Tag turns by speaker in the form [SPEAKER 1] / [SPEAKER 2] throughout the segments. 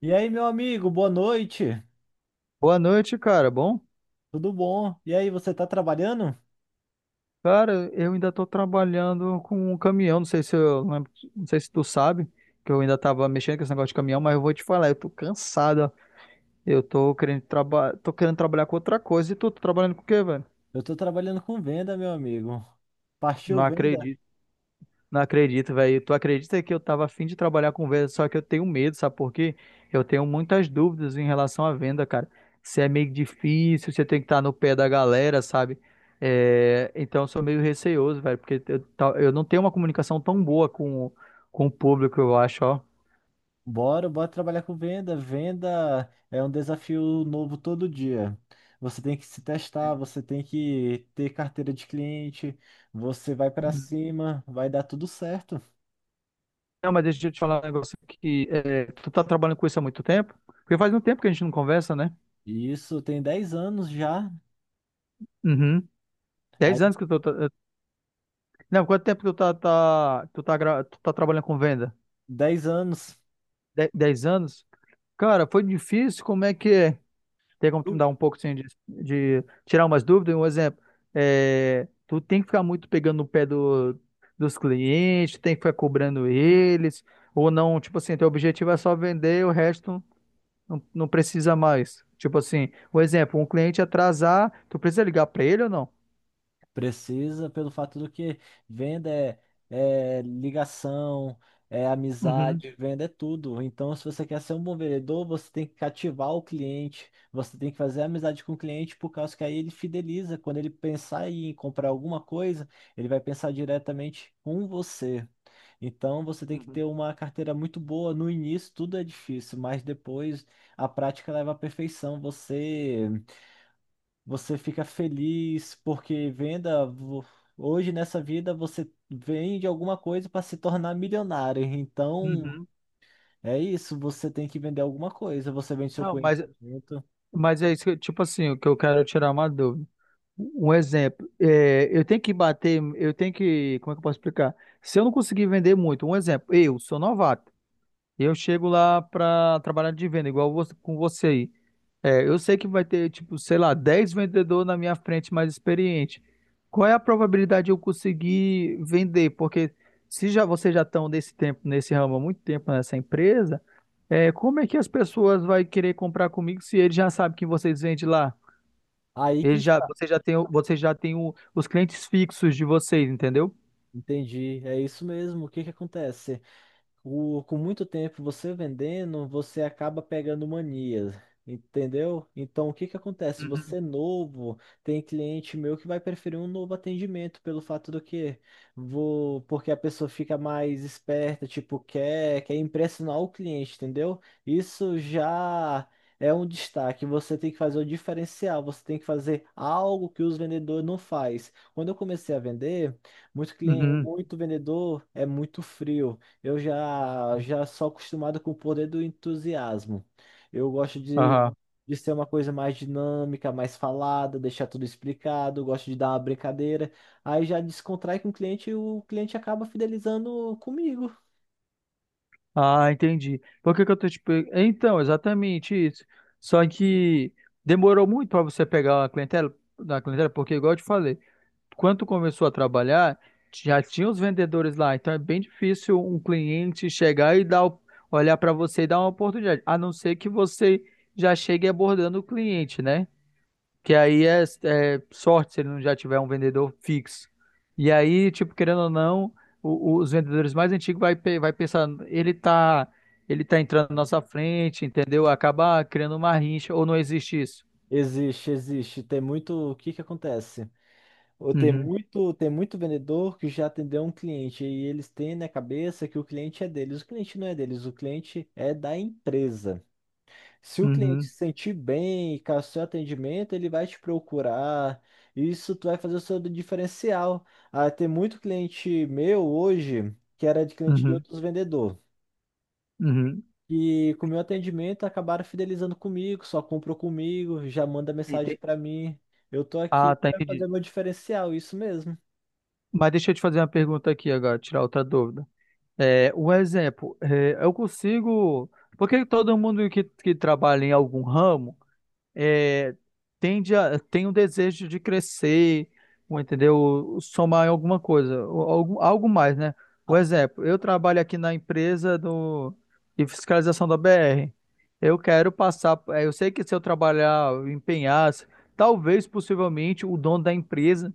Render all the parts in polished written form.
[SPEAKER 1] E aí, meu amigo, boa noite.
[SPEAKER 2] Boa noite, cara. Bom?
[SPEAKER 1] Tudo bom? E aí, você tá trabalhando?
[SPEAKER 2] Cara, eu ainda tô trabalhando com um caminhão. Não sei se tu sabe que eu ainda tava mexendo com esse negócio de caminhão, mas eu vou te falar, eu tô cansado. Ó. Eu tô querendo trabalhar com outra coisa. E tu, tá trabalhando com o quê, velho?
[SPEAKER 1] Eu tô trabalhando com venda, meu amigo. Partiu
[SPEAKER 2] Não
[SPEAKER 1] venda?
[SPEAKER 2] acredito. Não acredito, velho. Tu acredita que eu tava afim de trabalhar com venda, só que eu tenho medo, sabe por quê? Eu tenho muitas dúvidas em relação à venda, cara. Se é meio difícil, você tem que estar no pé da galera, sabe? É, então eu sou meio receoso, velho, porque eu não tenho uma comunicação tão boa com o público, eu acho, ó.
[SPEAKER 1] Bora, bora trabalhar com venda. Venda é um desafio novo todo dia. Você tem que se testar, você tem que ter carteira de cliente, você vai pra
[SPEAKER 2] Uhum.
[SPEAKER 1] cima, vai dar tudo certo.
[SPEAKER 2] Não, mas deixa eu te falar um negócio aqui. É, tu tá trabalhando com isso há muito tempo? Porque faz um tempo que a gente não conversa, né?
[SPEAKER 1] E isso tem 10 anos já.
[SPEAKER 2] Uhum. Dez
[SPEAKER 1] Aí,
[SPEAKER 2] anos que tu tá... Não, quanto tempo que tu tá, tá- tu tá, gra- tu tá trabalhando com venda?
[SPEAKER 1] 10 anos.
[SPEAKER 2] 10 anos. Cara, foi difícil. Como é que é? Tem como tu me dar um pouco assim, de tirar umas dúvidas? Um exemplo, é, tu tem que ficar muito pegando no pé dos clientes, tem que ficar cobrando eles, ou não? Tipo assim, teu objetivo é só vender, o resto não precisa mais. Tipo assim, um exemplo, um cliente atrasar, tu precisa ligar pra ele ou não?
[SPEAKER 1] Precisa pelo fato do que venda é, é ligação, é
[SPEAKER 2] Uhum,
[SPEAKER 1] amizade, venda é tudo. Então, se você quer ser um bom vendedor, você tem que cativar o cliente, você tem que fazer amizade com o cliente, por causa que aí ele fideliza. Quando ele pensar em comprar alguma coisa, ele vai pensar diretamente com você. Então, você tem que ter
[SPEAKER 2] uhum,
[SPEAKER 1] uma carteira muito boa. No início, tudo é difícil, mas depois a prática leva à perfeição. Você fica feliz porque venda. Hoje nessa vida você vende alguma coisa para se tornar milionário. Então
[SPEAKER 2] uhum.
[SPEAKER 1] é isso, você tem que vender alguma coisa. Você vende seu
[SPEAKER 2] Não, mas,
[SPEAKER 1] conhecimento.
[SPEAKER 2] mas é isso que, tipo assim, o que eu quero tirar uma dúvida. Um exemplo, é, eu tenho que bater, eu tenho que, como é que eu posso explicar? Se eu não conseguir vender muito, um exemplo, eu sou novato, eu chego lá para trabalhar de venda, igual você, com você aí. É, eu sei que vai ter, tipo, sei lá, 10 vendedores na minha frente mais experiente. Qual é a probabilidade de eu conseguir vender? Porque se já vocês já estão nesse tempo, nesse ramo há muito tempo nessa empresa, é, como é que as pessoas vão querer comprar comigo se eles já sabem que vocês vendem lá?
[SPEAKER 1] Aí que está.
[SPEAKER 2] Você já tem o- os clientes fixos de vocês, entendeu?
[SPEAKER 1] Entendi. É isso mesmo. O que que acontece? Com muito tempo você vendendo, você acaba pegando mania, entendeu? Então, o que que acontece? Você
[SPEAKER 2] Uhum.
[SPEAKER 1] é novo, tem cliente meu que vai preferir um novo atendimento pelo fato do que vou, porque a pessoa fica mais esperta, tipo, quer impressionar o cliente, entendeu? Isso já é um destaque. Você tem que fazer o diferencial, você tem que fazer algo que os vendedores não faz. Quando eu comecei a vender, muito cliente,
[SPEAKER 2] Uhum.
[SPEAKER 1] muito vendedor é muito frio. Eu já sou acostumado com o poder do entusiasmo. Eu gosto
[SPEAKER 2] Aham.
[SPEAKER 1] de ser uma coisa mais dinâmica, mais falada, deixar tudo explicado, gosto de dar uma brincadeira. Aí já descontrai com o cliente e o cliente acaba fidelizando comigo.
[SPEAKER 2] Ah, entendi. Por que que eu tô te pe- Então, exatamente isso. Só que demorou muito para você pegar a clientela, da clientela, porque igual eu te falei, quando tu começou a trabalhar, já tinha os vendedores lá, então é bem difícil um cliente chegar e olhar para você e dar uma oportunidade, a não ser que você já chegue abordando o cliente, né? Que aí é, sorte se ele não já tiver um vendedor fixo. E aí, tipo, querendo ou não, os vendedores mais antigos vai pensar, ele tá entrando na nossa frente, entendeu? Acaba criando uma rincha, ou não existe isso.
[SPEAKER 1] Existe, existe. Tem muito. O que que acontece? Ou
[SPEAKER 2] Uhum,
[SPEAKER 1] tem muito vendedor que já atendeu um cliente e eles têm na cabeça que o cliente é deles. O cliente não é deles, o cliente é da empresa. Se o cliente
[SPEAKER 2] uhum,
[SPEAKER 1] se sentir bem e com o seu atendimento, ele vai te procurar. Isso tu vai fazer o seu diferencial. Ah, tem muito cliente meu hoje que era de cliente de
[SPEAKER 2] uhum,
[SPEAKER 1] outros vendedores.
[SPEAKER 2] uhum.
[SPEAKER 1] E com o meu atendimento acabaram fidelizando comigo, só comprou comigo, já manda mensagem
[SPEAKER 2] Ente-
[SPEAKER 1] para mim. Eu tô aqui
[SPEAKER 2] Ah, tá,
[SPEAKER 1] para
[SPEAKER 2] entendi.
[SPEAKER 1] fazer meu diferencial, isso mesmo.
[SPEAKER 2] Mas deixa eu te fazer uma pergunta aqui agora, tirar outra dúvida. É, um exemplo, é, eu consigo. Porque todo mundo que trabalha em algum ramo. É, tende a, tem um desejo de crescer, ou, entendeu? Somar em alguma coisa, ou algo mais, né? Por
[SPEAKER 1] Ah,
[SPEAKER 2] exemplo, eu trabalho aqui na empresa de fiscalização da BR. Eu quero passar, eu sei que se eu trabalhar, eu empenhar, talvez, possivelmente, o dono da empresa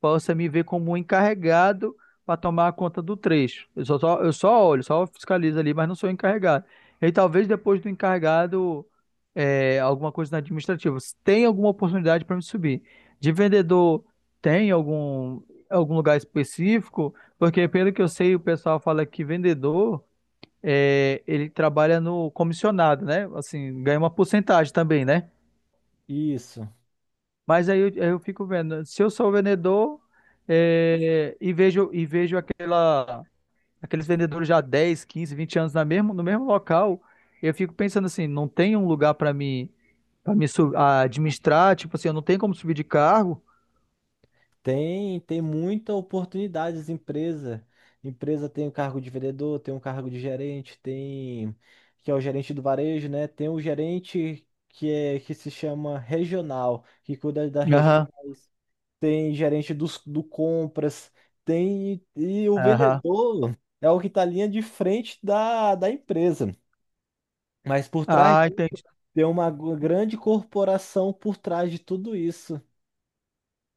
[SPEAKER 2] possa me ver como um encarregado para tomar conta do trecho. Eu só olho, só fiscalizo ali, mas não sou encarregado. E talvez depois do encarregado é, alguma coisa na administrativa. Se tem alguma oportunidade para me subir? De vendedor, tem algum lugar específico? Porque, pelo que eu sei, o pessoal fala que vendedor, é, ele trabalha no comissionado, né? Assim, ganha uma porcentagem também, né?
[SPEAKER 1] isso.
[SPEAKER 2] Mas aí eu fico vendo, se eu sou vendedor, é, e vejo aquela, aqueles vendedores já há 10, 15, 20 anos no mesmo local, eu fico pensando assim, não tem um lugar para mim. A administrar, tipo assim, eu não tenho como subir de cargo.
[SPEAKER 1] Tem muita oportunidade as empresas. Empresa tem o cargo de vendedor, tem um cargo de gerente, tem que é o gerente do varejo, né? Tem o gerente que é que se chama regional, que cuida das
[SPEAKER 2] Aham,
[SPEAKER 1] regionais. Tem gerente dos, do compras, tem e o
[SPEAKER 2] aham.
[SPEAKER 1] vendedor é o que está linha de frente da, da empresa. Mas por trás
[SPEAKER 2] Ah,
[SPEAKER 1] disso,
[SPEAKER 2] entendi.
[SPEAKER 1] tem uma grande corporação por trás de tudo isso.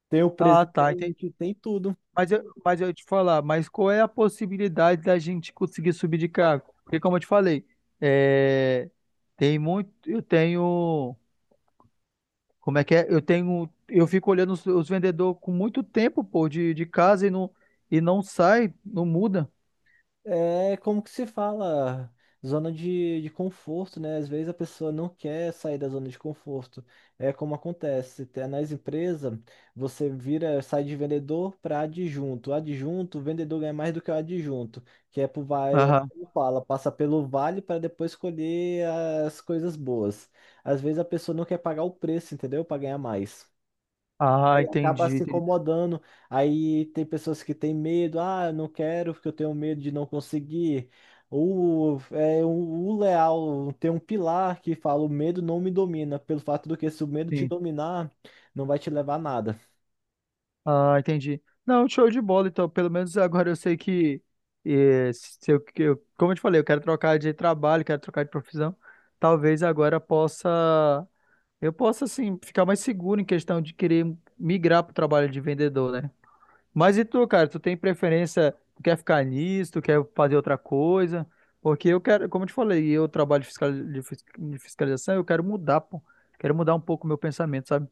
[SPEAKER 1] Tem o
[SPEAKER 2] Ah, tá, entendi.
[SPEAKER 1] presidente, tem tudo.
[SPEAKER 2] Mas eu ia te falar, mas qual é a possibilidade da gente conseguir subir de cargo? Porque como eu te falei, é, tem muito, eu tenho, como é que é? Eu tenho, eu fico olhando os vendedores com muito tempo, pô, de casa e não sai, não muda.
[SPEAKER 1] É como que se fala, zona de conforto, né? Às vezes a pessoa não quer sair da zona de conforto. É como acontece, até nas empresas, você vira, sai de vendedor para adjunto. O adjunto, o vendedor ganha mais do que o adjunto, que é por vai,
[SPEAKER 2] Aham.
[SPEAKER 1] como fala, passa pelo vale para depois escolher as coisas boas. Às vezes a pessoa não quer pagar o preço, entendeu? Para ganhar mais.
[SPEAKER 2] Ah,
[SPEAKER 1] Aí acaba
[SPEAKER 2] entendi,
[SPEAKER 1] se
[SPEAKER 2] entendi.
[SPEAKER 1] incomodando. Aí tem pessoas que têm medo, ah, eu não quero porque eu tenho medo de não conseguir. O, é, o leal tem um pilar que fala: o medo não me domina, pelo fato do que se o medo te
[SPEAKER 2] Sim.
[SPEAKER 1] dominar, não vai te levar a nada.
[SPEAKER 2] Ah, entendi. Não, show de bola. Então, pelo menos agora eu sei que, se eu, que eu- como eu te falei, eu quero trocar de trabalho, quero trocar de profissão. Talvez agora eu possa, assim, ficar mais seguro em questão de querer migrar para o trabalho de vendedor, né? Mas e tu, cara, tu tem preferência, tu quer ficar nisso, tu quer fazer outra coisa? Porque eu quero, como eu te falei, eu trabalho de fiscalização, eu quero mudar, pô. Quero mudar um pouco o meu pensamento, sabe?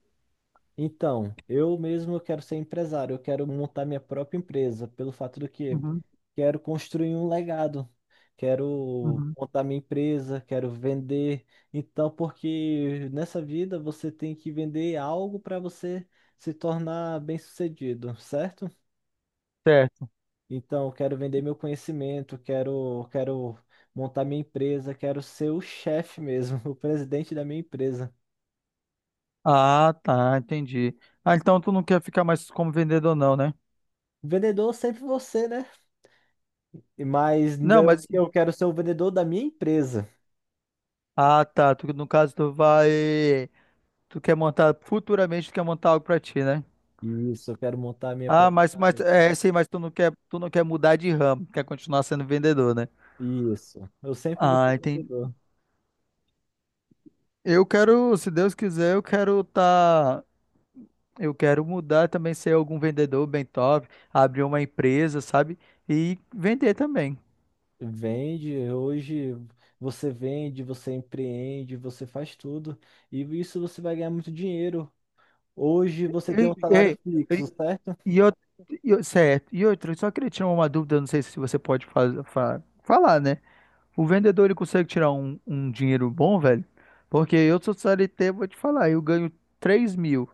[SPEAKER 1] Então, eu mesmo quero ser empresário, eu quero montar minha própria empresa, pelo fato do que
[SPEAKER 2] Uhum,
[SPEAKER 1] quero construir um legado, quero
[SPEAKER 2] uhum.
[SPEAKER 1] montar minha empresa, quero vender. Então, porque nessa vida você tem que vender algo para você se tornar bem-sucedido, certo?
[SPEAKER 2] Certo.
[SPEAKER 1] Então, eu quero vender meu conhecimento, quero montar minha empresa, quero ser o chefe mesmo, o presidente da minha empresa.
[SPEAKER 2] Ah, tá, entendi. Ah, então tu não quer ficar mais como vendedor, não, né?
[SPEAKER 1] Vendedor sempre você, né? E- Mas
[SPEAKER 2] Não,
[SPEAKER 1] não-
[SPEAKER 2] mas.
[SPEAKER 1] eu quero ser o vendedor da minha empresa.
[SPEAKER 2] Ah, tá. Tu, no caso, tu vai. Tu quer montar. Futuramente, tu quer montar algo pra ti, né?
[SPEAKER 1] Isso, eu quero montar a minha
[SPEAKER 2] Ah,
[SPEAKER 1] própria.
[SPEAKER 2] mas, é sim, mas tu não quer mudar de ramo, quer continuar sendo vendedor, né?
[SPEAKER 1] Isso. Eu sempre vou ser
[SPEAKER 2] Ah, entendi.
[SPEAKER 1] vendedor.
[SPEAKER 2] Eu quero, se Deus quiser, eu quero tá. Eu quero mudar também, ser algum vendedor bem top, abrir uma empresa, sabe? E vender também.
[SPEAKER 1] Vende, hoje você vende, você empreende, você faz tudo. E isso você vai ganhar muito dinheiro. Hoje você tem
[SPEAKER 2] Ei,
[SPEAKER 1] um salário
[SPEAKER 2] ei.
[SPEAKER 1] fixo, certo?
[SPEAKER 2] E eu, Certo. E outra, eu só queria tirar uma dúvida, não sei se você pode falar, né? O vendedor, ele consegue tirar um dinheiro bom, velho? Porque eu sou CLT, vou te falar, eu ganho 3 mil.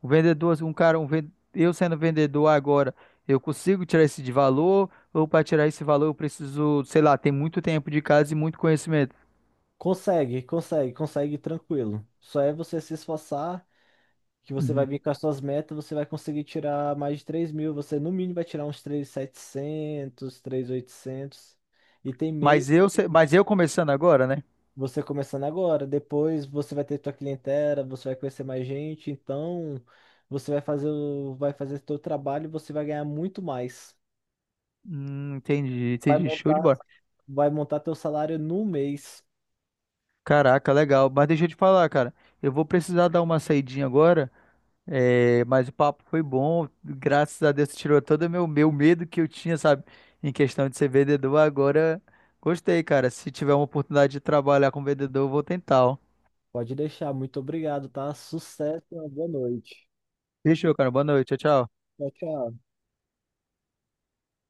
[SPEAKER 2] O vendedor, assim, um cara, eu sendo vendedor agora, eu consigo tirar esse de valor? Ou para tirar esse valor eu preciso, sei lá, tem muito tempo de casa e muito conhecimento?
[SPEAKER 1] Consegue, consegue, consegue tranquilo. Só é você se esforçar que você vai
[SPEAKER 2] Uhum.
[SPEAKER 1] vir com as suas metas, você vai conseguir tirar mais de 3 mil. Você, no mínimo, vai tirar uns 3.700, oitocentos. E tem MEI,
[SPEAKER 2] Mas eu, se- mas eu começando agora, né?
[SPEAKER 1] você começando agora. Depois você vai ter tua clientela, você vai conhecer mais gente. Então, você vai fazer o, vai fazer teu trabalho e você vai ganhar muito mais.
[SPEAKER 2] Entendi,
[SPEAKER 1] Vai
[SPEAKER 2] entendi, show de
[SPEAKER 1] montar,
[SPEAKER 2] bola.
[SPEAKER 1] vai montar teu salário no mês.
[SPEAKER 2] Caraca, legal. Mas deixa eu te falar, cara. Eu vou precisar dar uma saidinha agora. É, mas o papo foi bom. Graças a Deus você tirou todo o meu medo que eu tinha, sabe? Em questão de ser vendedor. Agora gostei, cara. Se tiver uma oportunidade de trabalhar com vendedor, eu vou tentar. Ó.
[SPEAKER 1] Pode deixar. Muito obrigado, tá? Sucesso, e uma boa noite.
[SPEAKER 2] Fechou, cara. Boa noite. Tchau, tchau.
[SPEAKER 1] Tchau, tchau.